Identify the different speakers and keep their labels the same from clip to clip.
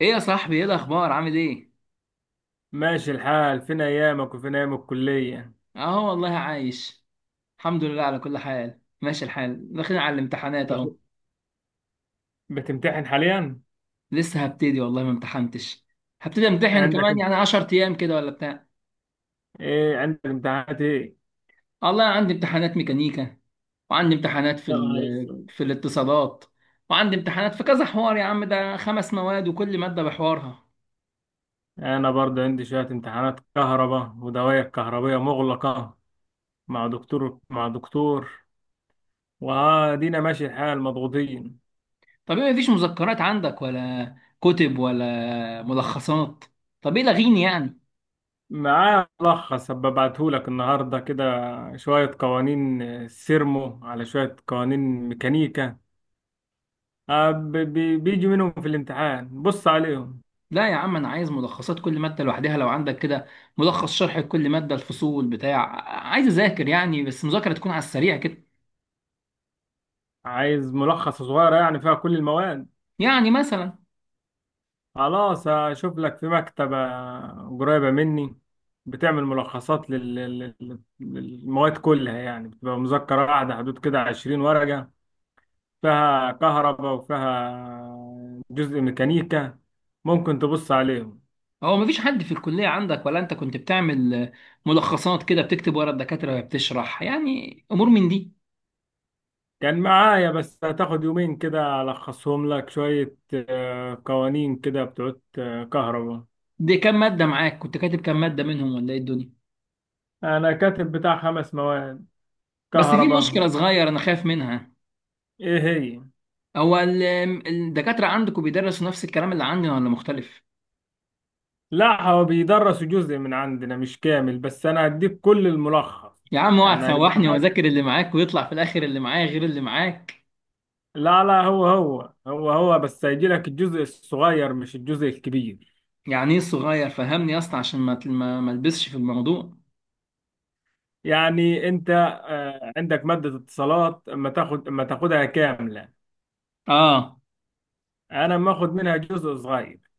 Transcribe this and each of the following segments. Speaker 1: ايه يا صاحبي، ايه الاخبار؟ عامل ايه؟
Speaker 2: ماشي الحال، فين ايامك وفين ايام الكلية؟
Speaker 1: اهو والله عايش. الحمد لله على كل حال، ماشي الحال، داخلين على الامتحانات اهو.
Speaker 2: أش- بتمتحن حاليا؟
Speaker 1: لسه هبتدي والله، ما امتحنتش. هبتدي امتحن
Speaker 2: عندك
Speaker 1: كمان
Speaker 2: انت؟
Speaker 1: يعني 10 ايام كده ولا بتاع.
Speaker 2: ايه، عندك امتحانات ايه؟
Speaker 1: والله عندي امتحانات ميكانيكا، وعندي امتحانات
Speaker 2: يا نهار اسود!
Speaker 1: في الاتصالات. وعندي امتحانات في كذا حوار، يا عم ده خمس مواد وكل مادة بحوارها.
Speaker 2: انا برضه عندي شوية امتحانات كهرباء ودوائر كهربية مغلقة مع دكتور، وادينا ماشي الحال، مضغوطين.
Speaker 1: طب ايه، مفيش مذكرات عندك ولا كتب ولا ملخصات؟ طب ايه لغيني يعني.
Speaker 2: معاه ملخص، هبعتهولك النهاردة كده، شوية قوانين سيرمو على شوية قوانين ميكانيكا. بيجي منهم في الامتحان، بص عليهم.
Speaker 1: لا يا عم انا عايز ملخصات كل ماده لوحدها لو عندك كده، ملخص شرح لكل ماده، الفصول بتاع. عايز اذاكر يعني، بس مذاكره تكون على السريع كده.
Speaker 2: عايز ملخص صغيرة يعني فيها كل المواد.
Speaker 1: يعني مثلا.
Speaker 2: خلاص، هشوف لك في مكتبة قريبة مني بتعمل ملخصات للمواد كلها، يعني بتبقى مذكرة واحدة حدود كده 20 ورقة، فيها كهرباء وفيها جزء ميكانيكا، ممكن تبص عليهم.
Speaker 1: هو مفيش حد في الكليه عندك، ولا انت كنت بتعمل ملخصات كده، بتكتب ورا الدكاتره وهي بتشرح، يعني امور من دي.
Speaker 2: كان معايا، بس هتاخد يومين كده ألخصهم لك شوية، قوانين كده بتوع كهرباء.
Speaker 1: دي كام ماده معاك؟ كنت كاتب كام ماده منهم، ولا ايه الدنيا؟
Speaker 2: أنا كاتب بتاع 5 مواد
Speaker 1: بس في
Speaker 2: كهرباء.
Speaker 1: مشكله صغيره انا خايف منها.
Speaker 2: إيه هي؟
Speaker 1: هو الدكاتره عندكم بيدرسوا نفس الكلام اللي عندنا ولا مختلف؟
Speaker 2: لا، هو بيدرس جزء من عندنا مش كامل، بس انا هديك كل الملخص.
Speaker 1: يا عم اوعى
Speaker 2: يعني هيبقى
Speaker 1: تسوحني
Speaker 2: معاك.
Speaker 1: واذاكر اللي معاك ويطلع في الاخر اللي معايا غير اللي معاك.
Speaker 2: لا لا، هو بس هيجي لك الجزء الصغير مش الجزء الكبير.
Speaker 1: يعني ايه صغير؟ فهمني يا اسطى عشان ما البسش في الموضوع.
Speaker 2: يعني انت، عندك مادة اتصالات، اما تاخدها كاملة.
Speaker 1: اه.
Speaker 2: انا ما اخد منها جزء صغير،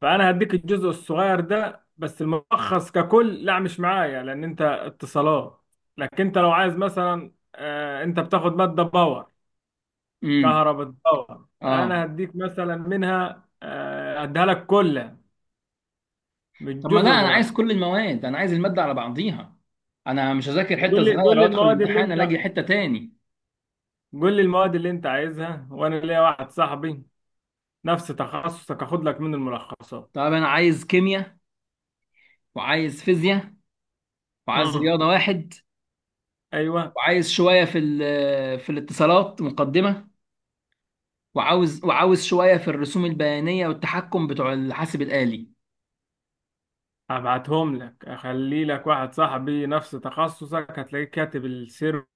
Speaker 2: فانا هديك الجزء الصغير ده بس. الملخص ككل لا، مش معايا، لان انت اتصالات. لكن انت لو عايز مثلا، انت بتاخد مادة باور
Speaker 1: امم.
Speaker 2: كهرباء الدورة، فأنا
Speaker 1: اه.
Speaker 2: هديك مثلا منها، هديها لك كلها، مش
Speaker 1: طب ما لا،
Speaker 2: جزء
Speaker 1: انا عايز
Speaker 2: صغير.
Speaker 1: كل المواد، انا عايز الماده على بعضيها. انا مش هذاكر حته
Speaker 2: قول لي قول
Speaker 1: صغيره
Speaker 2: لي
Speaker 1: وادخل
Speaker 2: المواد اللي
Speaker 1: الامتحان الاقي
Speaker 2: أنت...
Speaker 1: حته تاني.
Speaker 2: قول لي المواد اللي أنت عايزها، وأنا ليا واحد صاحبي نفس تخصصك، هاخد لك من الملخصات.
Speaker 1: طب انا عايز كيمياء، وعايز فيزياء، وعايز
Speaker 2: امم.
Speaker 1: رياضه واحد،
Speaker 2: أيوه.
Speaker 1: وعايز شويه في الاتصالات مقدمه، وعاوز شويه في الرسوم البيانيه والتحكم بتوع الحاسب الآلي.
Speaker 2: هبعتهم لك، أخلي لك واحد صاحبي نفس تخصصك، هتلاقيه كاتب السيرمو،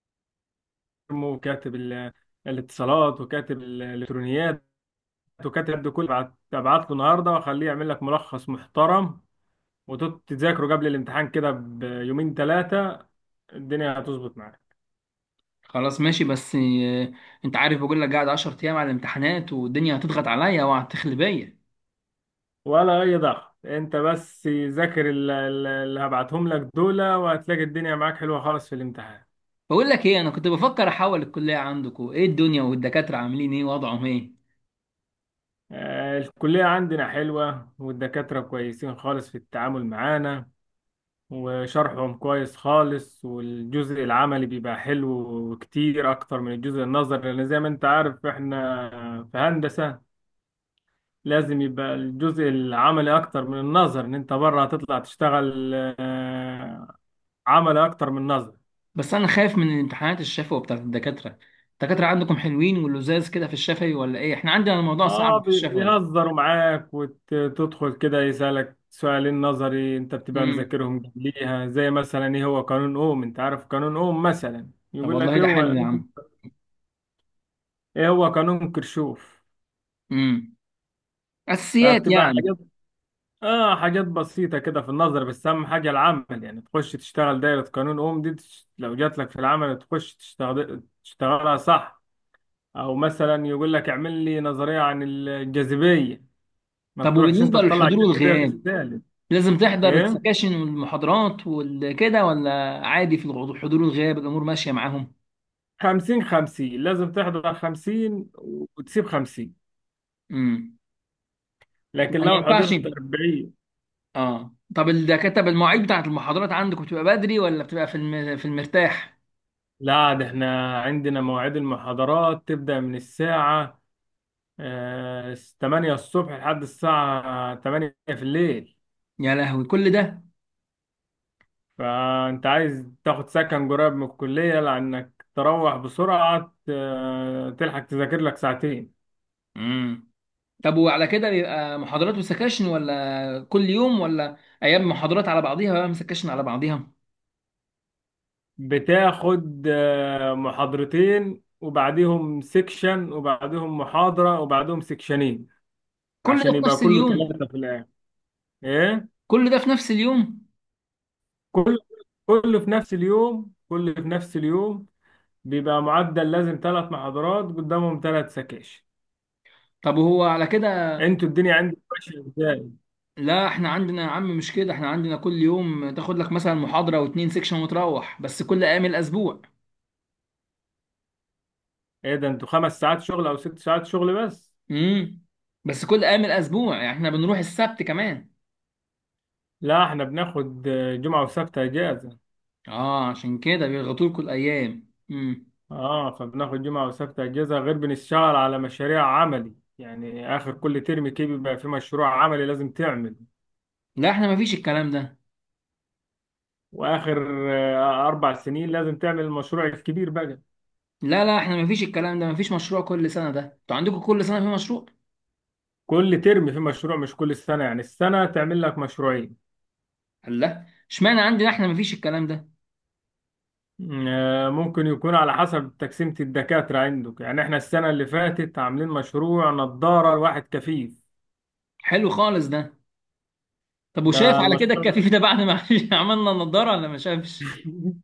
Speaker 2: وكاتب الاتصالات، وكاتب الإلكترونيات، وكاتب ده كله. هبعت له النهارده وأخليه يعمل لك ملخص محترم، وتذاكره قبل الامتحان كده بيومين ثلاثة، الدنيا هتظبط معاك.
Speaker 1: خلاص ماشي، بس انت عارف بقول لك، قاعد 10 ايام على الامتحانات والدنيا هتضغط عليا وهتخلي بيا.
Speaker 2: ولا أي ضغط، أنت بس ذاكر اللي هبعتهم لك دول، وهتلاقي الدنيا معاك حلوة خالص في الامتحان.
Speaker 1: بقول لك ايه، انا كنت بفكر احول الكليه عندكم، ايه الدنيا والدكاتره عاملين ايه، وضعهم ايه؟
Speaker 2: الكلية عندنا حلوة، والدكاترة كويسين خالص في التعامل معانا، وشرحهم كويس خالص، والجزء العملي بيبقى حلو كتير أكتر من الجزء النظري، لأن زي ما أنت عارف، إحنا في هندسة لازم يبقى الجزء العملي اكتر من النظر، ان انت بره هتطلع تشتغل عملي اكتر من نظر.
Speaker 1: بس انا خايف من الامتحانات الشفوي بتاعت الدكاتره. الدكاتره عندكم حلوين واللزاز كده في الشفوي، ولا ايه؟ احنا عندنا الموضوع
Speaker 2: اه،
Speaker 1: صعب في الشفوي.
Speaker 2: بيهزروا معاك، وتدخل كده يسألك سؤالين نظري انت بتبقى
Speaker 1: امم.
Speaker 2: مذاكرهم قبليها، زي مثلا ايه هو قانون اوم، انت عارف قانون اوم، مثلا
Speaker 1: طب
Speaker 2: يقول لك
Speaker 1: والله
Speaker 2: ايه
Speaker 1: ده حلو
Speaker 2: هو،
Speaker 1: يا عم.
Speaker 2: ايه هو قانون كرشوف.
Speaker 1: امم. اساسيات
Speaker 2: فبتبقى
Speaker 1: يعني.
Speaker 2: حاجات... اه، حاجات بسيطة كده في النظر، بس اهم حاجة العمل، يعني تخش تشتغل دايرة قانون اوم دي، لو جات لك في العمل تخش تشتغل تشتغلها صح. او مثلا يقول لك اعمل لي نظريه عن الجاذبيه، ما
Speaker 1: طب
Speaker 2: تروحش انت
Speaker 1: وبالنسبه
Speaker 2: تطلع
Speaker 1: للحضور
Speaker 2: الجاذبيه
Speaker 1: والغياب،
Speaker 2: بالسالب.
Speaker 1: لازم تحضر
Speaker 2: ايه.
Speaker 1: السكاشن والمحاضرات والكده ولا؟ عادي الحضور والغياب الامور ماشيه معاهم؟
Speaker 2: 50 50، لازم تحضر 50 وتسيب 50.
Speaker 1: امم. ما
Speaker 2: لكن لو
Speaker 1: ينفعش.
Speaker 2: حضرت 40...
Speaker 1: اه، طب الدكاتره بالمواعيد بتاعت المحاضرات عندكم بتبقى بدري، ولا بتبقى في المرتاح؟
Speaker 2: لا، ده احنا عندنا مواعيد المحاضرات تبدا من الساعه، 8 الصبح لحد الساعه 8 في الليل.
Speaker 1: يا لهوي كل ده.
Speaker 2: فانت عايز تاخد سكن قريب من الكليه، لانك تروح بسرعه تلحق تذاكر لك ساعتين.
Speaker 1: امم. طب وعلى كده بيبقى محاضرات وسكاشن، ولا كل يوم، ولا ايام محاضرات على بعضيها وأيام سكاشن على بعضيها؟
Speaker 2: بتاخد محاضرتين وبعديهم سيكشن وبعديهم محاضرة وبعديهم سيكشنين،
Speaker 1: كل ده
Speaker 2: عشان
Speaker 1: في
Speaker 2: يبقى
Speaker 1: نفس
Speaker 2: كله
Speaker 1: اليوم؟
Speaker 2: ثلاثة في الآخر. إيه؟
Speaker 1: كل ده في نفس اليوم؟
Speaker 2: كل كله في نفس اليوم، كله في نفس اليوم. بيبقى معدل لازم 3 محاضرات قدامهم 3 سكاشن.
Speaker 1: طب وهو على كده.
Speaker 2: انتوا الدنيا عندكم ماشية ازاي؟
Speaker 1: لا احنا عندنا يا عم مش كده، احنا عندنا كل يوم تاخد لك مثلا محاضرة واتنين سيكشن وتروح، بس كل ايام الاسبوع.
Speaker 2: ايه ده، انتوا 5 ساعات شغل او 6 ساعات شغل بس؟
Speaker 1: امم. بس كل ايام الاسبوع، يعني احنا بنروح السبت كمان.
Speaker 2: لا، احنا بناخد جمعة وسبت اجازة.
Speaker 1: اه، عشان كده بيضغطوا لكم الايام. امم.
Speaker 2: اه، فبناخد جمعة وسبت اجازة، غير بنشتغل على مشاريع عملي، يعني اخر كل ترم كده بيبقى في مشروع عملي لازم تعمل،
Speaker 1: لا احنا مفيش الكلام ده.
Speaker 2: واخر 4 سنين لازم تعمل المشروع الكبير بقى.
Speaker 1: لا لا، احنا مفيش الكلام ده، مفيش مشروع كل سنه، ده انتوا عندكم كل سنه في مشروع.
Speaker 2: كل ترم في مشروع مش كل سنة، يعني السنة تعمل لك مشروعين.
Speaker 1: الله، اشمعنى عندنا احنا مفيش الكلام ده.
Speaker 2: ممكن يكون على حسب تقسيمة الدكاترة عندك، يعني احنا السنة اللي فاتت عاملين مشروع نظارة لواحد كفيف.
Speaker 1: حلو خالص ده. طب
Speaker 2: ده
Speaker 1: وشاف على كده
Speaker 2: المشروع.
Speaker 1: الكفيف ده بعد ما عملنا النضاره، ولا ما شافش؟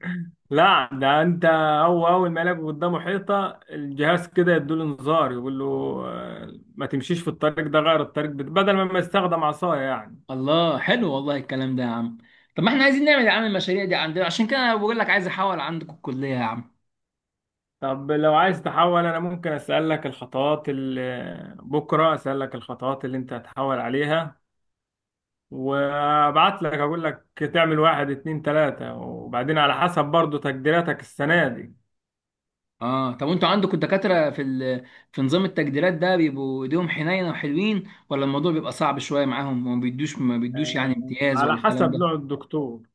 Speaker 2: لا، ده انت... هو اول ما يلاقوا قدامه حيطه، الجهاز كده يدوله انذار، يقول له ما تمشيش في الطريق ده، غير الطريق، بدل ما يستخدم عصايه يعني.
Speaker 1: الله، حلو والله الكلام ده يا عم. طب ما احنا عايزين نعمل يا عم المشاريع دي عندنا، عشان كده انا بقول لك عايز احول عندكم الكليه يا عم.
Speaker 2: طب لو عايز تحول، انا ممكن اسالك الخطوات اللي... بكره اسالك الخطوات اللي انت هتحول عليها، وابعت لك اقول لك تعمل 1 2 3، وبعدين على حسب برضو تقديراتك السنه دي.
Speaker 1: اه، طب وانتوا عندكم الدكاترة في نظام التجديرات ده بيبقوا ايديهم حنينة وحلوين، ولا الموضوع بيبقى صعب شوية معاهم وما بيدوش ما بيدوش يعني امتياز
Speaker 2: على
Speaker 1: ولا الكلام
Speaker 2: حسب
Speaker 1: ده؟
Speaker 2: نوع الدكتور،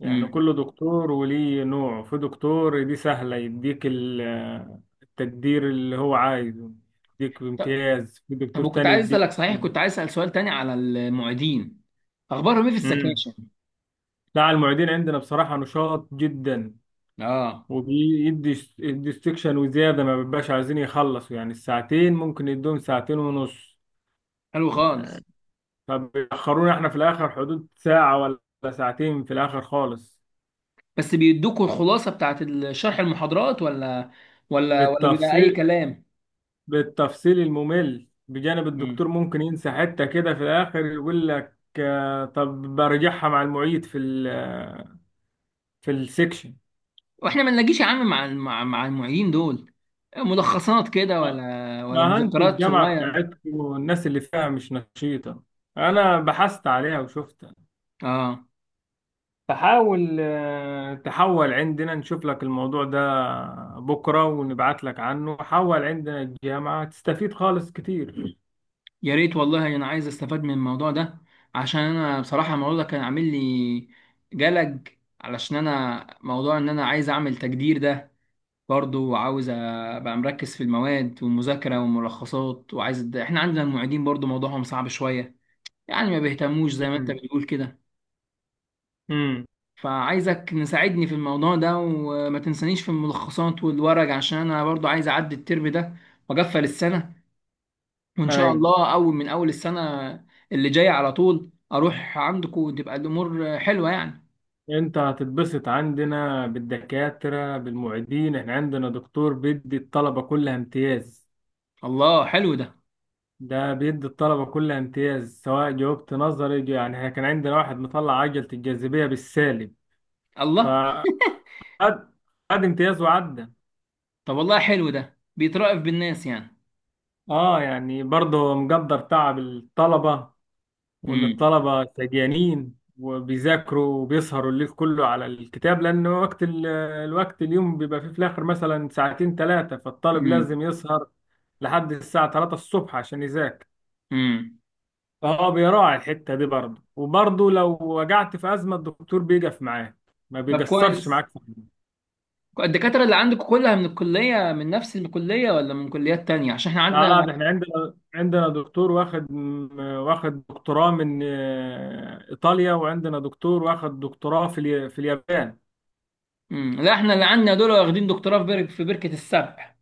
Speaker 2: يعني
Speaker 1: امم.
Speaker 2: كل دكتور وليه نوع، في دكتور دي سهلة، يديك التقدير اللي هو عايزه، يديك
Speaker 1: طب.
Speaker 2: بامتياز، في
Speaker 1: طب
Speaker 2: دكتور
Speaker 1: وكنت
Speaker 2: تاني
Speaker 1: عايز
Speaker 2: يديك...
Speaker 1: اسألك، صحيح كنت عايز اسأل سؤال تاني على المعيدين، اخبارهم ايه في
Speaker 2: امم.
Speaker 1: السكاشن؟
Speaker 2: لا، المعيدين عندنا بصراحة نشاط جدا،
Speaker 1: اه.
Speaker 2: وبيدي استكشن وزيادة، ما بيبقاش عايزين يخلصوا، يعني الساعتين ممكن يدوهم ساعتين ونص.
Speaker 1: حلو خالص.
Speaker 2: آه، فبيأخرونا احنا في الآخر حدود ساعة ولا ساعتين في الآخر خالص.
Speaker 1: بس بيدوكوا الخلاصة بتاعت شرح المحاضرات، ولا ولا بيبقى اي
Speaker 2: التفصيل
Speaker 1: كلام؟
Speaker 2: بالتفصيل الممل بجانب
Speaker 1: امم.
Speaker 2: الدكتور، ممكن ينسى حتة كده في الآخر يقول لك، طب برجعها مع المعيد في ال آه، في السكشن.
Speaker 1: واحنا ما نلاقيش يا عم مع المعيدين دول ملخصات كده،
Speaker 2: ما
Speaker 1: ولا
Speaker 2: ما انتوا
Speaker 1: مذكرات
Speaker 2: الجامعة
Speaker 1: صغيرة؟
Speaker 2: بتاعتكم، والناس اللي فيها مش نشيطة، أنا بحثت عليها وشفتها،
Speaker 1: اه.
Speaker 2: فحاول تحول عندنا، نشوف لك الموضوع ده بكرة ونبعت لك عنه، حول عندنا الجامعة تستفيد خالص كتير.
Speaker 1: يا ريت والله انا عايز استفاد من الموضوع ده، عشان انا بصراحه الموضوع ده كان عامل لي جلج. علشان انا موضوع ان انا عايز اعمل تجدير ده برضو، وعاوز ابقى مركز في المواد والمذاكره والملخصات، احنا عندنا المعيدين برضو موضوعهم صعب شويه، يعني ما بيهتموش زي ما انت بتقول كده.
Speaker 2: امم.
Speaker 1: فعايزك نساعدني في الموضوع ده، وما تنسانيش في الملخصات والورق عشان انا برضو عايز اعدي الترم ده واقفل السنه، وان شاء
Speaker 2: أي.
Speaker 1: الله اول من اول السنه اللي جايه على طول اروح عندكم وتبقى الامور حلوه يعني.
Speaker 2: انت هتتبسط عندنا بالدكاترة بالمعيدين، احنا عندنا دكتور بيدي الطلبة كلها امتياز،
Speaker 1: الله حلو ده.
Speaker 2: ده بيدي الطلبة كلها امتياز سواء جاوبت نظري يعني احنا كان عندنا واحد مطلع عجلة الجاذبية بالسالب،
Speaker 1: الله،
Speaker 2: فقد قد امتياز وعدى.
Speaker 1: طب والله حلو ده بيترأف بالناس يعني.
Speaker 2: اه، يعني برضه هو مقدر تعب الطلبة، وإن
Speaker 1: امم.
Speaker 2: الطلبة سجانين وبيذاكروا وبيسهروا الليل كله على الكتاب، لأن وقت ال- آه، الوقت اليوم بيبقى فيه في الآخر مثلا ساعتين ثلاثة، فالطالب
Speaker 1: امم.
Speaker 2: لازم يسهر لحد الساعة 3 الصبح عشان يذاكر.
Speaker 1: امم.
Speaker 2: فهو بيراعي الحتة دي برضه، وبرضه لو وجعت في أزمة الدكتور بيقف معاك، ما
Speaker 1: طب
Speaker 2: بيقصرش
Speaker 1: كويس.
Speaker 2: معاك في حاجة.
Speaker 1: الدكاتره اللي عندكم كلها من الكليه، من نفس الكليه ولا من كليات تانية؟ عشان احنا
Speaker 2: لا
Speaker 1: عندنا.
Speaker 2: لا، ده احنا عندنا دكتور واخد دكتوراه من إيطاليا، وعندنا دكتور واخد دكتوراه في اليابان.
Speaker 1: امم. لا احنا اللي عندنا دول واخدين دكتوراه في بركه السبع.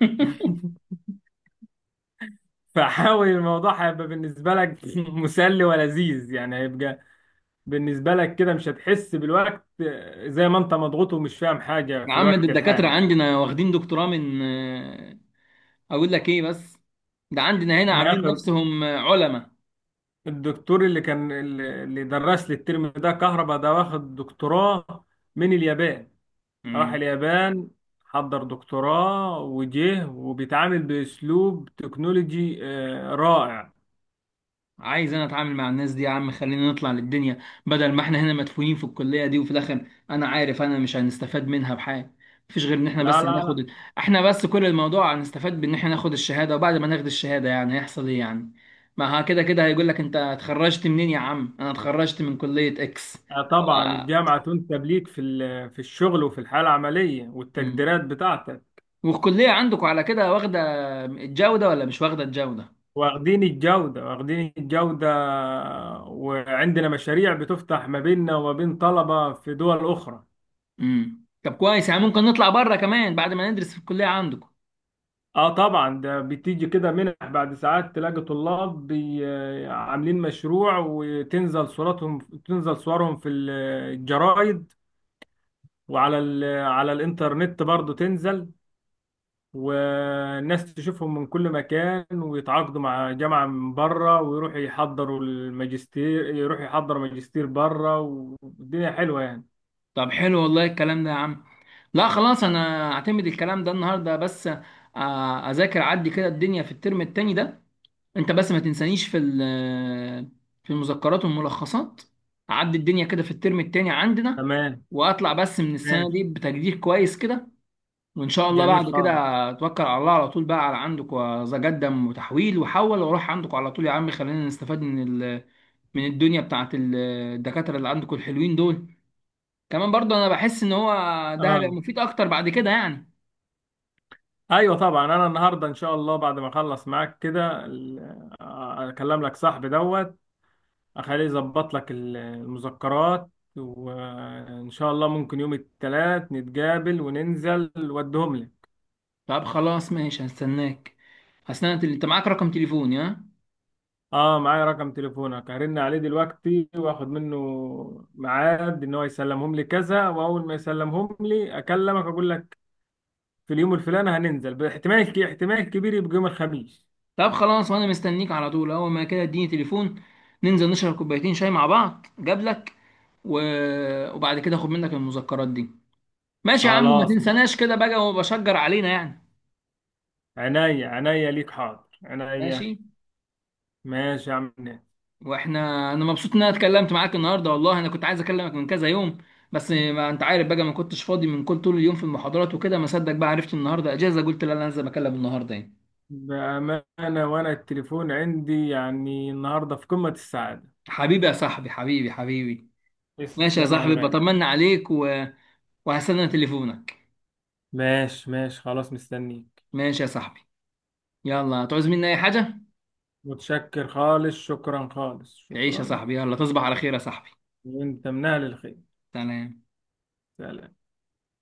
Speaker 2: فحاول الموضوع هيبقى بالنسبة لك مسلي ولذيذ، يعني هيبقى بالنسبة لك كده مش هتحس بالوقت، زي ما انت مضغوط ومش فاهم حاجة
Speaker 1: يا
Speaker 2: في
Speaker 1: عم، ده
Speaker 2: الوقت
Speaker 1: الدكاتره
Speaker 2: الحالي.
Speaker 1: عندنا واخدين دكتوراه من آه، اقول لك ايه بس، ده عندنا هنا
Speaker 2: احنا
Speaker 1: عاملين
Speaker 2: اخر
Speaker 1: نفسهم علماء.
Speaker 2: الدكتور اللي درس لي الترم ده كهرباء، ده واخد دكتوراه من اليابان، راح
Speaker 1: مم.
Speaker 2: اليابان حضر دكتوراه وجه، وبيتعامل بأسلوب تكنولوجي رائع.
Speaker 1: عايز انا اتعامل مع الناس دي يا عم، خلينا نطلع للدنيا. بدل ما احنا هنا مدفونين في الكلية دي، وفي الاخر انا عارف انا مش هنستفاد منها بحاجة. مفيش غير ان احنا
Speaker 2: لا
Speaker 1: بس
Speaker 2: لا لا.
Speaker 1: هناخد. احنا بس كل الموضوع هنستفاد بان احنا ناخد الشهادة، وبعد ما ناخد الشهادة يعني هيحصل ايه يعني؟ ما ها، كده كده هيقول لك انت اتخرجت منين، يا عم انا اتخرجت من كلية اكس.
Speaker 2: طبعا
Speaker 1: أو-
Speaker 2: الجامعة تنسب ليك في الشغل، وفي الحالة العملية
Speaker 1: مم.
Speaker 2: والتقديرات بتاعتك.
Speaker 1: والكلية عندكم على كده واخدة الجودة، ولا مش واخدة الجودة؟
Speaker 2: واخدين الجودة، واخدين الجودة، وعندنا مشاريع بتفتح ما بيننا وما بين طلبة في دول أخرى.
Speaker 1: امم. طب كويس، يعني ممكن نطلع بره كمان بعد ما ندرس في الكلية عندكم.
Speaker 2: اه، طبعا ده بتيجي كده منح، بعد ساعات تلاقي طلاب عاملين مشروع، وتنزل صورتهم تنزل صورهم في الجرايد، وعلى ال- على الانترنت برضو تنزل، والناس تشوفهم من كل مكان، ويتعاقدوا مع جامعة من بره، ويروحوا يحضروا الماجستير، يروحوا يحضروا ماجستير بره، والدنيا حلوة يعني.
Speaker 1: طب حلو والله الكلام ده يا عم. لا خلاص انا اعتمد الكلام ده النهارده، بس اذاكر عدي كده الدنيا في الترم التاني ده. انت بس ما تنسانيش في المذكرات والملخصات. اعدي الدنيا كده في الترم التاني عندنا،
Speaker 2: تمام.
Speaker 1: واطلع بس من السنه
Speaker 2: ماشي.
Speaker 1: دي بتقدير كويس كده، وان شاء الله
Speaker 2: جميل
Speaker 1: بعد كده
Speaker 2: خالص.
Speaker 1: اتوكل على الله على طول بقى على عندك واتقدم، وتحويل وحول واروح عندك على طول، يا عم خلينا نستفاد من الدنيا بتاعت الدكاتره اللي عندكم الحلوين دول. كمان برضو انا بحس ان هو ده هيبقى
Speaker 2: اه،
Speaker 1: مفيد اكتر بعد كده يعني.
Speaker 2: ايوه طبعا، انا النهارده ان شاء الله بعد ما اخلص معاك كده اكلم لك صاحبي دوت، اخليه يظبط لك المذكرات، وان شاء الله ممكن يوم الثلاث نتقابل وننزل ودهم لك.
Speaker 1: طب خلاص ماشي، هستناك. اصل انا انت معاك رقم تليفوني ها؟
Speaker 2: اه، معايا رقم تليفونك، هرن عليه دلوقتي واخد منه ميعاد، ان هو يسلمهم لي كذا، واول ما يسلمهم لي اكلمك اقول لك في اليوم الفلاني هننزل، احتمال كبير يبقى يوم الخميس.
Speaker 1: طب خلاص، وانا مستنيك على طول، اول ما كده اديني تليفون ننزل نشرب كوبايتين شاي مع بعض، جاب لك و... وبعد كده اخد منك المذكرات دي. ماشي يا عم، وما
Speaker 2: خلاص.
Speaker 1: تنساناش كده بقى، وبشجر علينا يعني.
Speaker 2: عينيا عينيا ليك، حاضر،
Speaker 1: ماشي.
Speaker 2: عينيا. ماشي يا عم، ناس.
Speaker 1: واحنا. انا مبسوط ان انا اتكلمت معاك النهارده، والله انا كنت عايز اكلمك من كذا يوم، بس ما انت عارف بقى ما كنتش فاضي من كل طول اليوم في المحاضرات وكده، ما صدق بقى عرفت النهارده اجازه، قلت لا انا لازم اكلم النهارده يعني.
Speaker 2: بأمانة، وانا التليفون عندي يعني النهارده في قمة السعادة.
Speaker 1: حبيبي يا صاحبي، حبيبي حبيبي. ماشي يا
Speaker 2: تسلم يا
Speaker 1: صاحبي،
Speaker 2: الغالي.
Speaker 1: بطمن عليك وهستنى تليفونك.
Speaker 2: ماشي ماشي، خلاص مستنيك.
Speaker 1: ماشي يا صاحبي. يلا، هتعوز مني اي حاجه.
Speaker 2: متشكر خالص، شكرا خالص،
Speaker 1: تعيش يا
Speaker 2: شكرا.
Speaker 1: صاحبي، يلا تصبح على خير يا صاحبي.
Speaker 2: وانت من اهل الخير.
Speaker 1: سلام.
Speaker 2: سلام.